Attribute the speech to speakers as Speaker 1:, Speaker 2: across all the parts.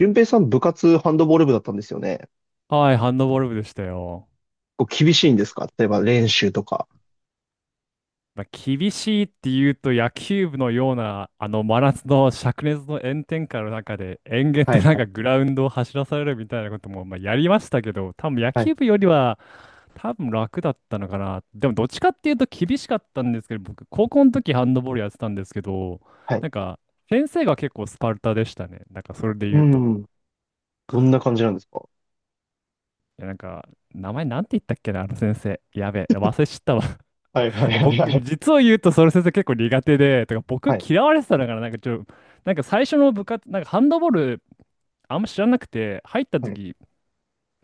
Speaker 1: 俊平さん、部活ハンドボール部だったんですよね。
Speaker 2: はい、ハンドボール部でしたよ。
Speaker 1: こう厳しいんですか？例えば練習とか。
Speaker 2: まあ、厳しいって言うと野球部のようなあの真夏の灼熱の炎天下の中で延々
Speaker 1: は
Speaker 2: と
Speaker 1: い
Speaker 2: なん
Speaker 1: は
Speaker 2: か
Speaker 1: い
Speaker 2: グラウンドを走らされるみたいなこともまあやりましたけど、多分野
Speaker 1: はい
Speaker 2: 球部よりは多分楽だったのかな。でも、どっちかっていうと厳しかったんですけど、僕高校の時ハンドボールやってたんですけど、
Speaker 1: はい。
Speaker 2: なんか先生が結構スパルタでしたね、なんかそれで
Speaker 1: う
Speaker 2: 言うと。
Speaker 1: ん。どんな感じなんですか？
Speaker 2: いやなんか名前なんて言ったっけな、あの先生やべえ忘れちゃったわ。
Speaker 1: はいはいはい
Speaker 2: 僕、
Speaker 1: はい。
Speaker 2: 実を言うと、その先生結構苦手で、とか、
Speaker 1: は
Speaker 2: 僕
Speaker 1: い
Speaker 2: 嫌われてたのかな。なんかちょ、なんか最初の部活、なんかハンドボール、あんま知らなくて、入った
Speaker 1: はい。
Speaker 2: 時、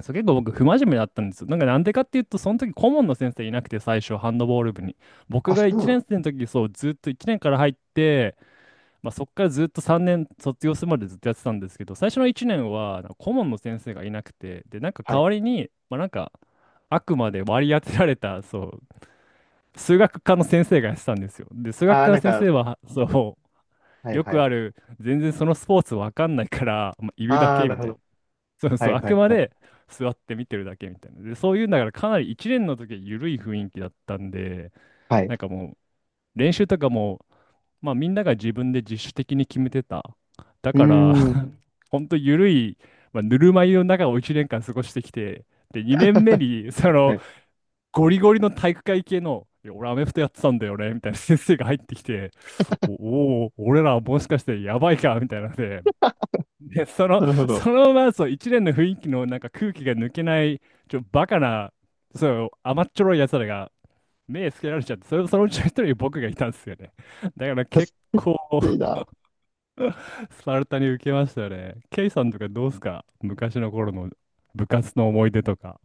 Speaker 2: そう結構僕、不真面目だったんですよ。なんかなんでかっていうと、その時、顧問の先生いなくて、最初、ハンドボール部に。僕
Speaker 1: あ、そ
Speaker 2: が
Speaker 1: うな
Speaker 2: 1
Speaker 1: の？
Speaker 2: 年生の時、そう、ずっと1年から入って、まあ、そっからずっと3年卒業するまでずっとやってたんですけど、最初の1年は、なんか顧問の先生がいなくて、で、なんか
Speaker 1: は
Speaker 2: 代
Speaker 1: い。
Speaker 2: わりに、まあ、なんか、あくまで割り当てられた、そう、数学科の先生がやってたんですよ。で、数学
Speaker 1: ああ、
Speaker 2: 科の
Speaker 1: なん
Speaker 2: 先
Speaker 1: か、
Speaker 2: 生は、そ
Speaker 1: は
Speaker 2: う、
Speaker 1: い
Speaker 2: よ
Speaker 1: は
Speaker 2: く
Speaker 1: い。
Speaker 2: ある、全然そのスポーツわかんないから、まあ、いるだ
Speaker 1: ああ、
Speaker 2: け
Speaker 1: な
Speaker 2: み
Speaker 1: るほ
Speaker 2: たいな。
Speaker 1: ど。
Speaker 2: そう
Speaker 1: は
Speaker 2: そう、
Speaker 1: い
Speaker 2: あ
Speaker 1: は
Speaker 2: く
Speaker 1: い
Speaker 2: ま
Speaker 1: はい。
Speaker 2: で座って見てるだけみたいな。で、そういうんだから、かなり1年の時は緩い雰囲気だったんで、
Speaker 1: はい。う
Speaker 2: なんかもう、練習とかも、まあ、みんなが自分で自主的に決めてた。だ
Speaker 1: ー
Speaker 2: から、
Speaker 1: ん。
Speaker 2: ほんと緩い、まあ、ぬるま湯の中を1年間過ごしてきて、で、2年目 に、そ
Speaker 1: は
Speaker 2: の、
Speaker 1: い。
Speaker 2: ゴリゴリの体育会系の、いや俺アメフトやってたんだよね、みたいな先生が入ってきて、おおー、俺らもしかしてやばいか、みたいなので、で、その、
Speaker 1: なるほど。
Speaker 2: そのままそう、一連の雰囲気のなんか空気が抜けない、バカな、そう、甘っちょろい奴らが目つけられちゃって、それそのうちの一人に僕がいたんですよね。だから
Speaker 1: いやき
Speaker 2: 結構
Speaker 1: ついな。
Speaker 2: スパルタに受けましたよね。ケイさんとかどうすか、昔の頃の部活の思い出とか。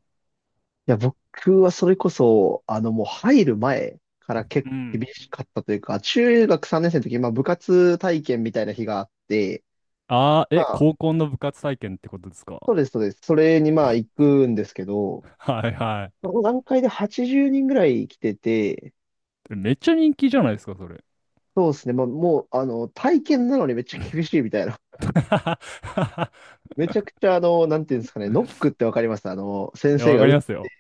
Speaker 1: いや、僕はそれこそ、もう入る前から結
Speaker 2: う
Speaker 1: 構厳
Speaker 2: ん。
Speaker 1: しかったというか、中学3年生の時、まあ部活体験みたいな日があって、
Speaker 2: ああ、え、高校の部活体験ってことですか？
Speaker 1: そうです、そうです。それにまあ行くんですけど、
Speaker 2: はいは
Speaker 1: その段階で80人ぐらい来てて、
Speaker 2: い。めっちゃ人気じゃないですか、それ。
Speaker 1: そうですね、まあ、もう、体験なのにめっちゃ厳しいみたいな。めちゃくちゃ、なんていうんですかね、ノックってわかります？
Speaker 2: い
Speaker 1: 先
Speaker 2: や、
Speaker 1: 生
Speaker 2: わ
Speaker 1: が
Speaker 2: か
Speaker 1: 打
Speaker 2: り
Speaker 1: っ。
Speaker 2: ますよ。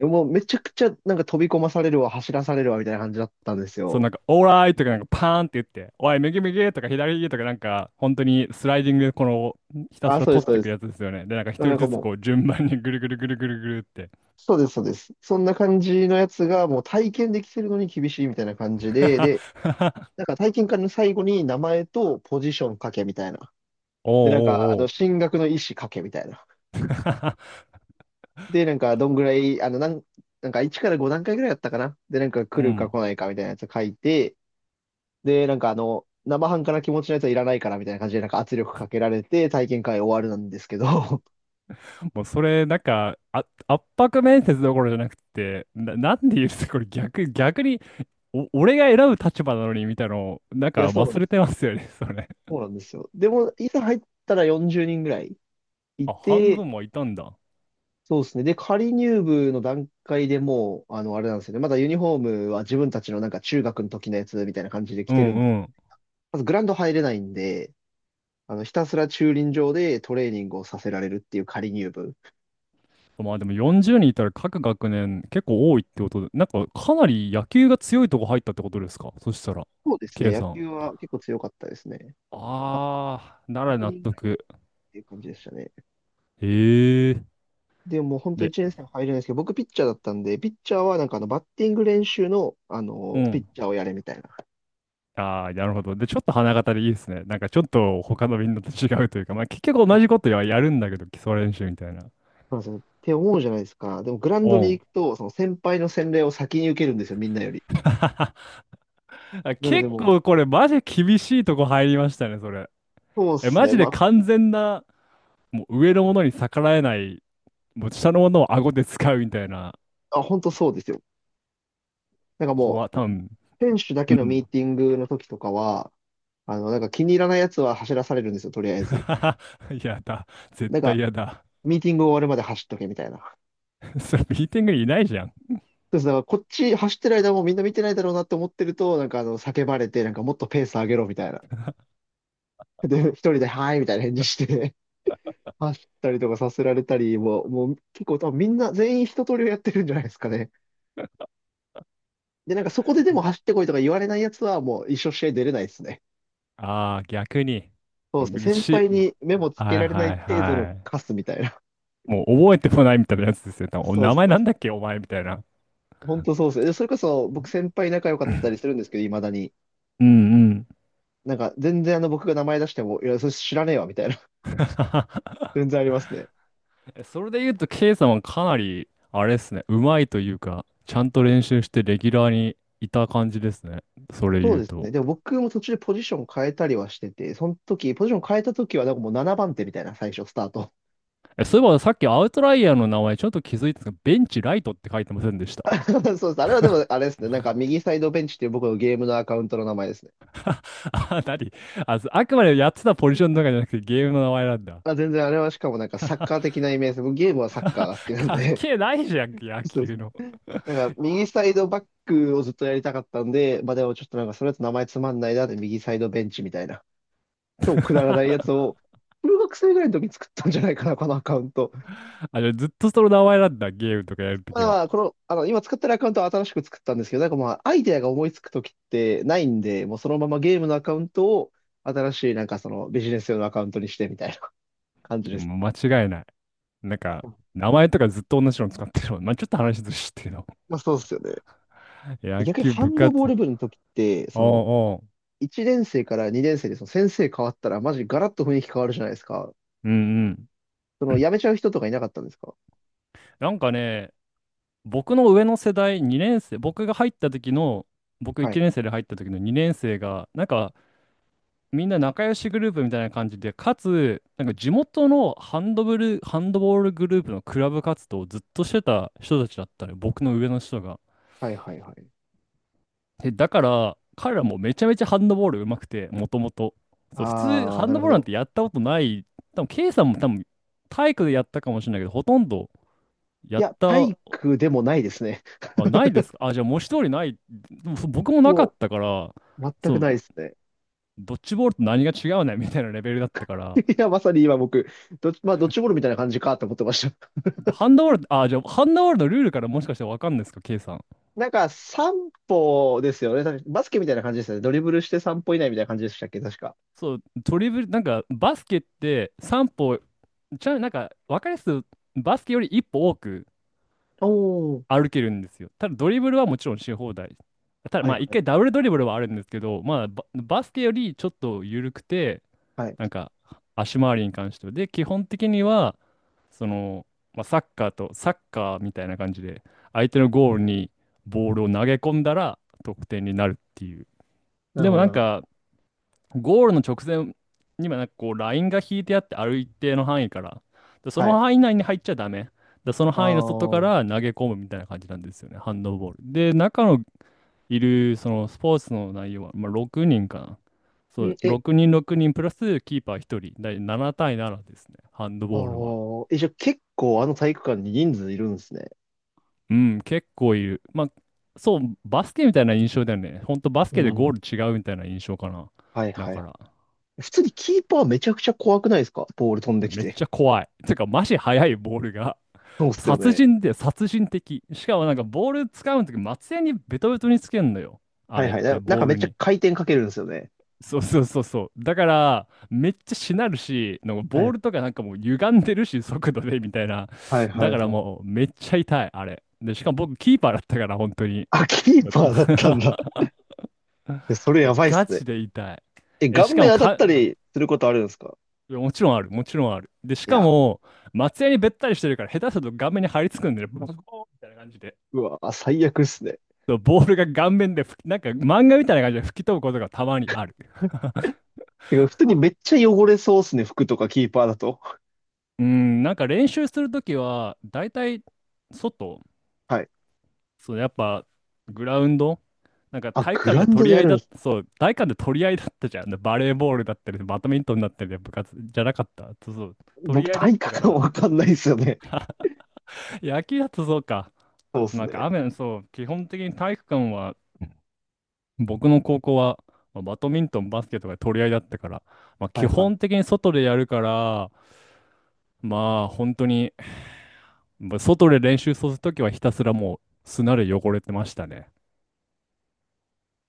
Speaker 1: もうめちゃくちゃなんか飛び込まされるわ、走らされるわ、みたいな感じだったんです
Speaker 2: そう、な
Speaker 1: よ。
Speaker 2: んか、オーライとか、なんか、パーンって言って、おい、右右とか、左右とか、なんか、本当にスライディングで、この、ひたす
Speaker 1: あ、
Speaker 2: ら
Speaker 1: そうです、
Speaker 2: 取っ
Speaker 1: そう
Speaker 2: てい
Speaker 1: で
Speaker 2: く
Speaker 1: す。
Speaker 2: やつですよね。で、なんか、一
Speaker 1: な
Speaker 2: 人
Speaker 1: んか
Speaker 2: ずつ、
Speaker 1: もう、
Speaker 2: こう、順番にぐるぐるぐるぐるぐるって。
Speaker 1: そうです、そうです。そんな感じのやつがもう体験できてるのに厳しいみたいな感じで、で、なんか体験会の最後に名前とポジション書けみたいな。
Speaker 2: おう
Speaker 1: で、なんか、
Speaker 2: おうおう。
Speaker 1: 進学の意思かけみたいな。で、なんか、どんぐらい、なんか1から5段階ぐらいだったかな。で、なんか
Speaker 2: う
Speaker 1: 来るか
Speaker 2: ん。
Speaker 1: 来ないかみたいなやつ書いて、で、なんか生半可な気持ちのやつはいらないからみたいな感じで、なんか圧力かけられて体験会終わるなんですけど、
Speaker 2: もう、それ、なんか、あ、圧迫面接どころじゃなくて、なんで言うと、これ逆、逆に、お、俺が選ぶ立場なのにみたいなの、なん
Speaker 1: いや、
Speaker 2: か
Speaker 1: そうなん
Speaker 2: 忘
Speaker 1: で
Speaker 2: れ
Speaker 1: す
Speaker 2: て
Speaker 1: よ。
Speaker 2: ますよね、それ。
Speaker 1: そうなんですよ。でも、いざ入ったら40人ぐらいい
Speaker 2: あ、半
Speaker 1: て、
Speaker 2: 分もいたんだ。
Speaker 1: そうですね。で、仮入部の段階でもう、あれなんですよね。まだユニフォームは自分たちのなんか中学の時のやつみたいな感じで着
Speaker 2: う
Speaker 1: てるんです。
Speaker 2: んうん。
Speaker 1: まずグラウンド入れないんで、ひたすら駐輪場でトレーニングをさせられるっていう仮入部。
Speaker 2: まあでも40人いたら各学年結構多いってことで、なんかかなり野球が強いとこ入ったってことですか、そしたら、
Speaker 1: そうですね、
Speaker 2: K
Speaker 1: 野
Speaker 2: さん。
Speaker 1: 球は結構強かったですね。あ、
Speaker 2: あー、なら
Speaker 1: 100
Speaker 2: 納
Speaker 1: 人ぐらいっ
Speaker 2: 得。
Speaker 1: ていう感じでしたね。
Speaker 2: ええ。
Speaker 1: でももう本当
Speaker 2: で、
Speaker 1: 1年生入れないですけど、僕ピッチャーだったんで、ピッチャーはなんかバッティング練習の、
Speaker 2: う
Speaker 1: ピッ
Speaker 2: ん。
Speaker 1: チャーをやれみたいな。
Speaker 2: ああ、なるほど。で、ちょっと花形でいいですね。なんかちょっと他のみんなと違うというか、まあ結局
Speaker 1: い
Speaker 2: 同
Speaker 1: や、
Speaker 2: じことはやるんだけど、基礎練習みたいな。
Speaker 1: そうなんですよ。って思うじゃないですか。でもグラウン
Speaker 2: う
Speaker 1: ドに
Speaker 2: ん。
Speaker 1: 行くと、その先輩の洗礼を先に受けるんですよ、みんなより。
Speaker 2: あ、
Speaker 1: なので
Speaker 2: 結
Speaker 1: も
Speaker 2: 構これマジ厳しいとこ入りましたね、それ。
Speaker 1: う、そうっ
Speaker 2: え、
Speaker 1: す
Speaker 2: マ
Speaker 1: ね。
Speaker 2: ジ
Speaker 1: ま
Speaker 2: で
Speaker 1: あ、
Speaker 2: 完全な、もう上のものに逆らえない、もう下のものを顎で使うみたいな
Speaker 1: あ、本当そうですよ。なんか
Speaker 2: 子
Speaker 1: も
Speaker 2: は
Speaker 1: う、
Speaker 2: 多分、
Speaker 1: 選手だ
Speaker 2: う
Speaker 1: けのミ
Speaker 2: ん。
Speaker 1: ーティングの時とかは、なんか気に入らないやつは走らされるんですよ、とりあえず。
Speaker 2: やだ。絶
Speaker 1: なんか、
Speaker 2: 対やだ。
Speaker 1: ミーティング終わるまで走っとけみたいな。そ
Speaker 2: それミーティングにいないじゃん。
Speaker 1: うです。だからこっち走ってる間もみんな見てないだろうなって思ってると、なんか叫ばれて、なんかもっとペース上げろみたいな。で、一人で、はい、みたいな返事して 走ったりとかさせられたり、もう結構多分みんな全員一通りをやってるんじゃないですかね。で、なんかそこででも走ってこいとか言われないやつはもう一生試合出れないですね。
Speaker 2: ああ、逆に。
Speaker 1: そうです
Speaker 2: う
Speaker 1: ね。先
Speaker 2: し、
Speaker 1: 輩に目もつけ
Speaker 2: はい
Speaker 1: られな
Speaker 2: は
Speaker 1: い
Speaker 2: い
Speaker 1: 程度の
Speaker 2: はい。
Speaker 1: カスみたいな。
Speaker 2: もう覚えてもないみたいなやつですよ。多 分、お
Speaker 1: そう
Speaker 2: 名前
Speaker 1: そう、
Speaker 2: なんだっけお前みたいな。
Speaker 1: 本当そうですね。でそれこそ、僕先輩仲良かったりするんですけど、未だに。
Speaker 2: うんうん。
Speaker 1: なんか、全然僕が名前出しても、いや、それ知らねえわ、みたいな。全然ありますね。
Speaker 2: え、それで言うと、K さんはかなり、あれですね、うまいというか、ちゃんと練習してレギュラーにいた感じですね。それ
Speaker 1: そう
Speaker 2: 言う
Speaker 1: ですね。
Speaker 2: と。
Speaker 1: でも僕も途中でポジション変えたりはしてて、その時、ポジション変えた時は、なんかもう7番手みたいな、最初、スタート。
Speaker 2: え、そういえばさっきアウトライヤーの名前ちょっと気づいたんですが、ベンチライトって書いてませんでした？
Speaker 1: そうです。あれはでも、あれですね。なんか、右サイドベンチっていう僕のゲームのアカウントの名前ですね。
Speaker 2: あ、なに、あ、そう、あくまでやってたポジションとかじゃなくてゲームの名前なんだ。
Speaker 1: まあ、全然あれはしかもなんかサッカー的なイメージです。僕ゲームはサッカーが好き なん
Speaker 2: 関
Speaker 1: で。
Speaker 2: 係ないじゃん、野
Speaker 1: そうです。
Speaker 2: 球の。
Speaker 1: なんか、右サイドバックをずっとやりたかったんで、まあでもちょっとなんか、それだと名前つまんないなで、右サイドベンチみたいな。超 くだらないやつを、中学生ぐらいの時に作ったんじゃないかな、このアカウント。
Speaker 2: あ、じゃあずっとその名前なんだ、ゲームとかやると
Speaker 1: ま
Speaker 2: き
Speaker 1: あ
Speaker 2: は。
Speaker 1: まあ、この、今使ってるアカウントは新しく作ったんですけど、なんかまあ、アイデアが思いつく時ってないんで、もうそのままゲームのアカウントを、新しいなんかそのビジネス用のアカウントにしてみたいな感じ
Speaker 2: いや、
Speaker 1: です。
Speaker 2: もう間違いない。なんか、
Speaker 1: うん。
Speaker 2: 名前とかずっと同じの使ってるもん。まあ、ちょっと話ずしてるの。
Speaker 1: まあそうですよね。
Speaker 2: 野
Speaker 1: 逆に
Speaker 2: 球
Speaker 1: ハ
Speaker 2: 部
Speaker 1: ンド
Speaker 2: 活。
Speaker 1: ボール部の時って、
Speaker 2: お
Speaker 1: その、
Speaker 2: うおう。
Speaker 1: 1年生から2年生でその先生変わったら、マジガラッと雰囲気変わるじゃないですか。
Speaker 2: うんうん。
Speaker 1: その、辞めちゃう人とかいなかったんですか？
Speaker 2: なんかね、僕の上の世代、2年生、僕が入った時の、僕
Speaker 1: は
Speaker 2: 1
Speaker 1: い。
Speaker 2: 年生で入った時の2年生が、なんかみんな仲良しグループみたいな感じで、かつ、なんか地元のハンドブル、ハンドボールグループのクラブ活動をずっとしてた人たちだったね、僕の上の人が。
Speaker 1: はいはいはい。
Speaker 2: で、だから、彼らもめちゃめちゃハンドボール上手くて、もともと。そう、普通、
Speaker 1: ああ、
Speaker 2: ハン
Speaker 1: なる
Speaker 2: ドボ
Speaker 1: ほ
Speaker 2: ールなん
Speaker 1: ど。
Speaker 2: てやったことない。多分、K さんも多分、体育でやったかもしれないけど、ほとんど
Speaker 1: い
Speaker 2: やっ
Speaker 1: や、体
Speaker 2: た。
Speaker 1: 育でもないですね。
Speaker 2: あ、ないですか、あ、じゃあ文字通りない。でもそ僕もなかっ
Speaker 1: も
Speaker 2: たから、
Speaker 1: う、全
Speaker 2: そ
Speaker 1: く
Speaker 2: う、
Speaker 1: ないですね。
Speaker 2: ドッジボールと何が違うねみたいなレベルだったか ら。
Speaker 1: いや、まさに今僕、まあ、ドッジボールみたいな感じかと思ってました。
Speaker 2: ハンドボール、あ、じゃあハンドボールのルールからもしかしてわかんないですか、K さん。
Speaker 1: なんか、散歩ですよね。確かバスケみたいな感じですよね。ドリブルして散歩以内みたいな感じでしたっけ、確か。
Speaker 2: そう、ドリブル、なんかバスケって3歩、なんかわかりやすくバスケより1歩多く
Speaker 1: おー。
Speaker 2: 歩けるんですよ。ただドリブルはもちろんし放題。ただ
Speaker 1: は
Speaker 2: ま
Speaker 1: い
Speaker 2: あ1
Speaker 1: はい。
Speaker 2: 回ダブルドリブルはあるんですけど、まあバスケよりちょっと緩くて、
Speaker 1: はい。
Speaker 2: なんか足回りに関しては。で、基本的には、その、まあ、サッカーみたいな感じで、相手のゴールにボールを投げ込んだら得点になるっていう。
Speaker 1: なる
Speaker 2: でも
Speaker 1: ほ
Speaker 2: な
Speaker 1: ど、
Speaker 2: ん
Speaker 1: なるほど。
Speaker 2: か、ゴールの直前にはなんかこう、ラインが引いてあって、ある一定の範囲から、で、そ
Speaker 1: は
Speaker 2: の
Speaker 1: い。
Speaker 2: 範囲内に入っちゃダメ。で、その
Speaker 1: あ
Speaker 2: 範囲の外か
Speaker 1: ー。
Speaker 2: ら投げ込むみたいな感じなんですよね、ハンドボール。で、中のいる、そのスポーツの内容は、まあ、6人かな。そ
Speaker 1: ん
Speaker 2: う、
Speaker 1: え、
Speaker 2: 6人6人プラスキーパー1人、だい7対7ですね、ハンド
Speaker 1: あ
Speaker 2: ボールは。
Speaker 1: ー。え、じゃあ結構あの体育館に人数いるんですね。
Speaker 2: うん、結構いる。まあ、そう、バスケみたいな印象だよね。ほんとバス
Speaker 1: う
Speaker 2: ケでゴー
Speaker 1: ん。
Speaker 2: ル違うみたいな印象かな。
Speaker 1: はい
Speaker 2: だ
Speaker 1: は
Speaker 2: か
Speaker 1: い。
Speaker 2: ら、
Speaker 1: 普通にキーパーめちゃくちゃ怖くないですか？ボール飛ん
Speaker 2: い
Speaker 1: で
Speaker 2: や、
Speaker 1: き
Speaker 2: めっ
Speaker 1: て。
Speaker 2: ちゃ怖い。てか、マジ速いボールが。
Speaker 1: そうっすよ
Speaker 2: 殺
Speaker 1: ね。
Speaker 2: 人で殺人的。しかもなんかボール使うとき、松屋にベトベトにつけんのよ、あ
Speaker 1: はい
Speaker 2: れっ
Speaker 1: はい。
Speaker 2: て、
Speaker 1: なん
Speaker 2: ボ
Speaker 1: か
Speaker 2: ー
Speaker 1: めっ
Speaker 2: ル
Speaker 1: ちゃ
Speaker 2: に。
Speaker 1: 回転かけるんですよね。
Speaker 2: そうそうそうそう。だから、めっちゃしなるし、なんか
Speaker 1: は
Speaker 2: ボー
Speaker 1: い
Speaker 2: ルとかなんかもう歪んでるし、速度でみたいな。
Speaker 1: はいは
Speaker 2: だ
Speaker 1: い
Speaker 2: から
Speaker 1: はい。
Speaker 2: もうめっちゃ痛い、あれ。で、しかも僕キーパーだったから、本当に。
Speaker 1: あ、キー パーだったんだ。え、それや
Speaker 2: え、
Speaker 1: ばいっ
Speaker 2: ガ
Speaker 1: すね。
Speaker 2: チで痛い。
Speaker 1: え、
Speaker 2: え、
Speaker 1: 顔
Speaker 2: しか
Speaker 1: 面
Speaker 2: も
Speaker 1: 当たっ
Speaker 2: か、
Speaker 1: たりすることあるんですか？
Speaker 2: いやもちろんある、もちろんある。で、し
Speaker 1: い
Speaker 2: か
Speaker 1: や、
Speaker 2: も、松屋にべったりしてるから、下手すると顔面に張り付くんでね、ボコーンみたいな感じで。
Speaker 1: うわ、最悪っすね。
Speaker 2: そうボールが顔面で吹き、なんか漫画みたいな感じで吹き飛ぶことがたまにある。
Speaker 1: てか、普通にめっちゃ汚れそうっすね、服とかキーパーだと。
Speaker 2: うん、なんか練習するときは、だいたい外、
Speaker 1: はい。
Speaker 2: そう、やっぱグラウンド、なんか
Speaker 1: あ、
Speaker 2: 体育
Speaker 1: グ
Speaker 2: 館
Speaker 1: ラウ
Speaker 2: で
Speaker 1: ンド
Speaker 2: 取
Speaker 1: で
Speaker 2: り合
Speaker 1: や
Speaker 2: い
Speaker 1: るん
Speaker 2: だ
Speaker 1: で
Speaker 2: っ
Speaker 1: す
Speaker 2: た、そう、体育館で取り合いだったじゃん。バレーボールだったり、バドミントンだったり、部活じゃなかった。そうそう、取
Speaker 1: 僕、
Speaker 2: り合いだっ
Speaker 1: 体
Speaker 2: たか
Speaker 1: 感が
Speaker 2: ら、
Speaker 1: わかんないっすよね。
Speaker 2: 野球だとそうか。
Speaker 1: そうっす
Speaker 2: なんか
Speaker 1: ね。
Speaker 2: 雨、そう、基本的に体育館は、僕の高校は、まあバドミントン、バスケとか取り合いだったから、まあ、
Speaker 1: は
Speaker 2: 基
Speaker 1: いはい。
Speaker 2: 本的に外でやるから、まあ本当に、まあ外で練習するときはひたすらもう砂で汚れてましたね。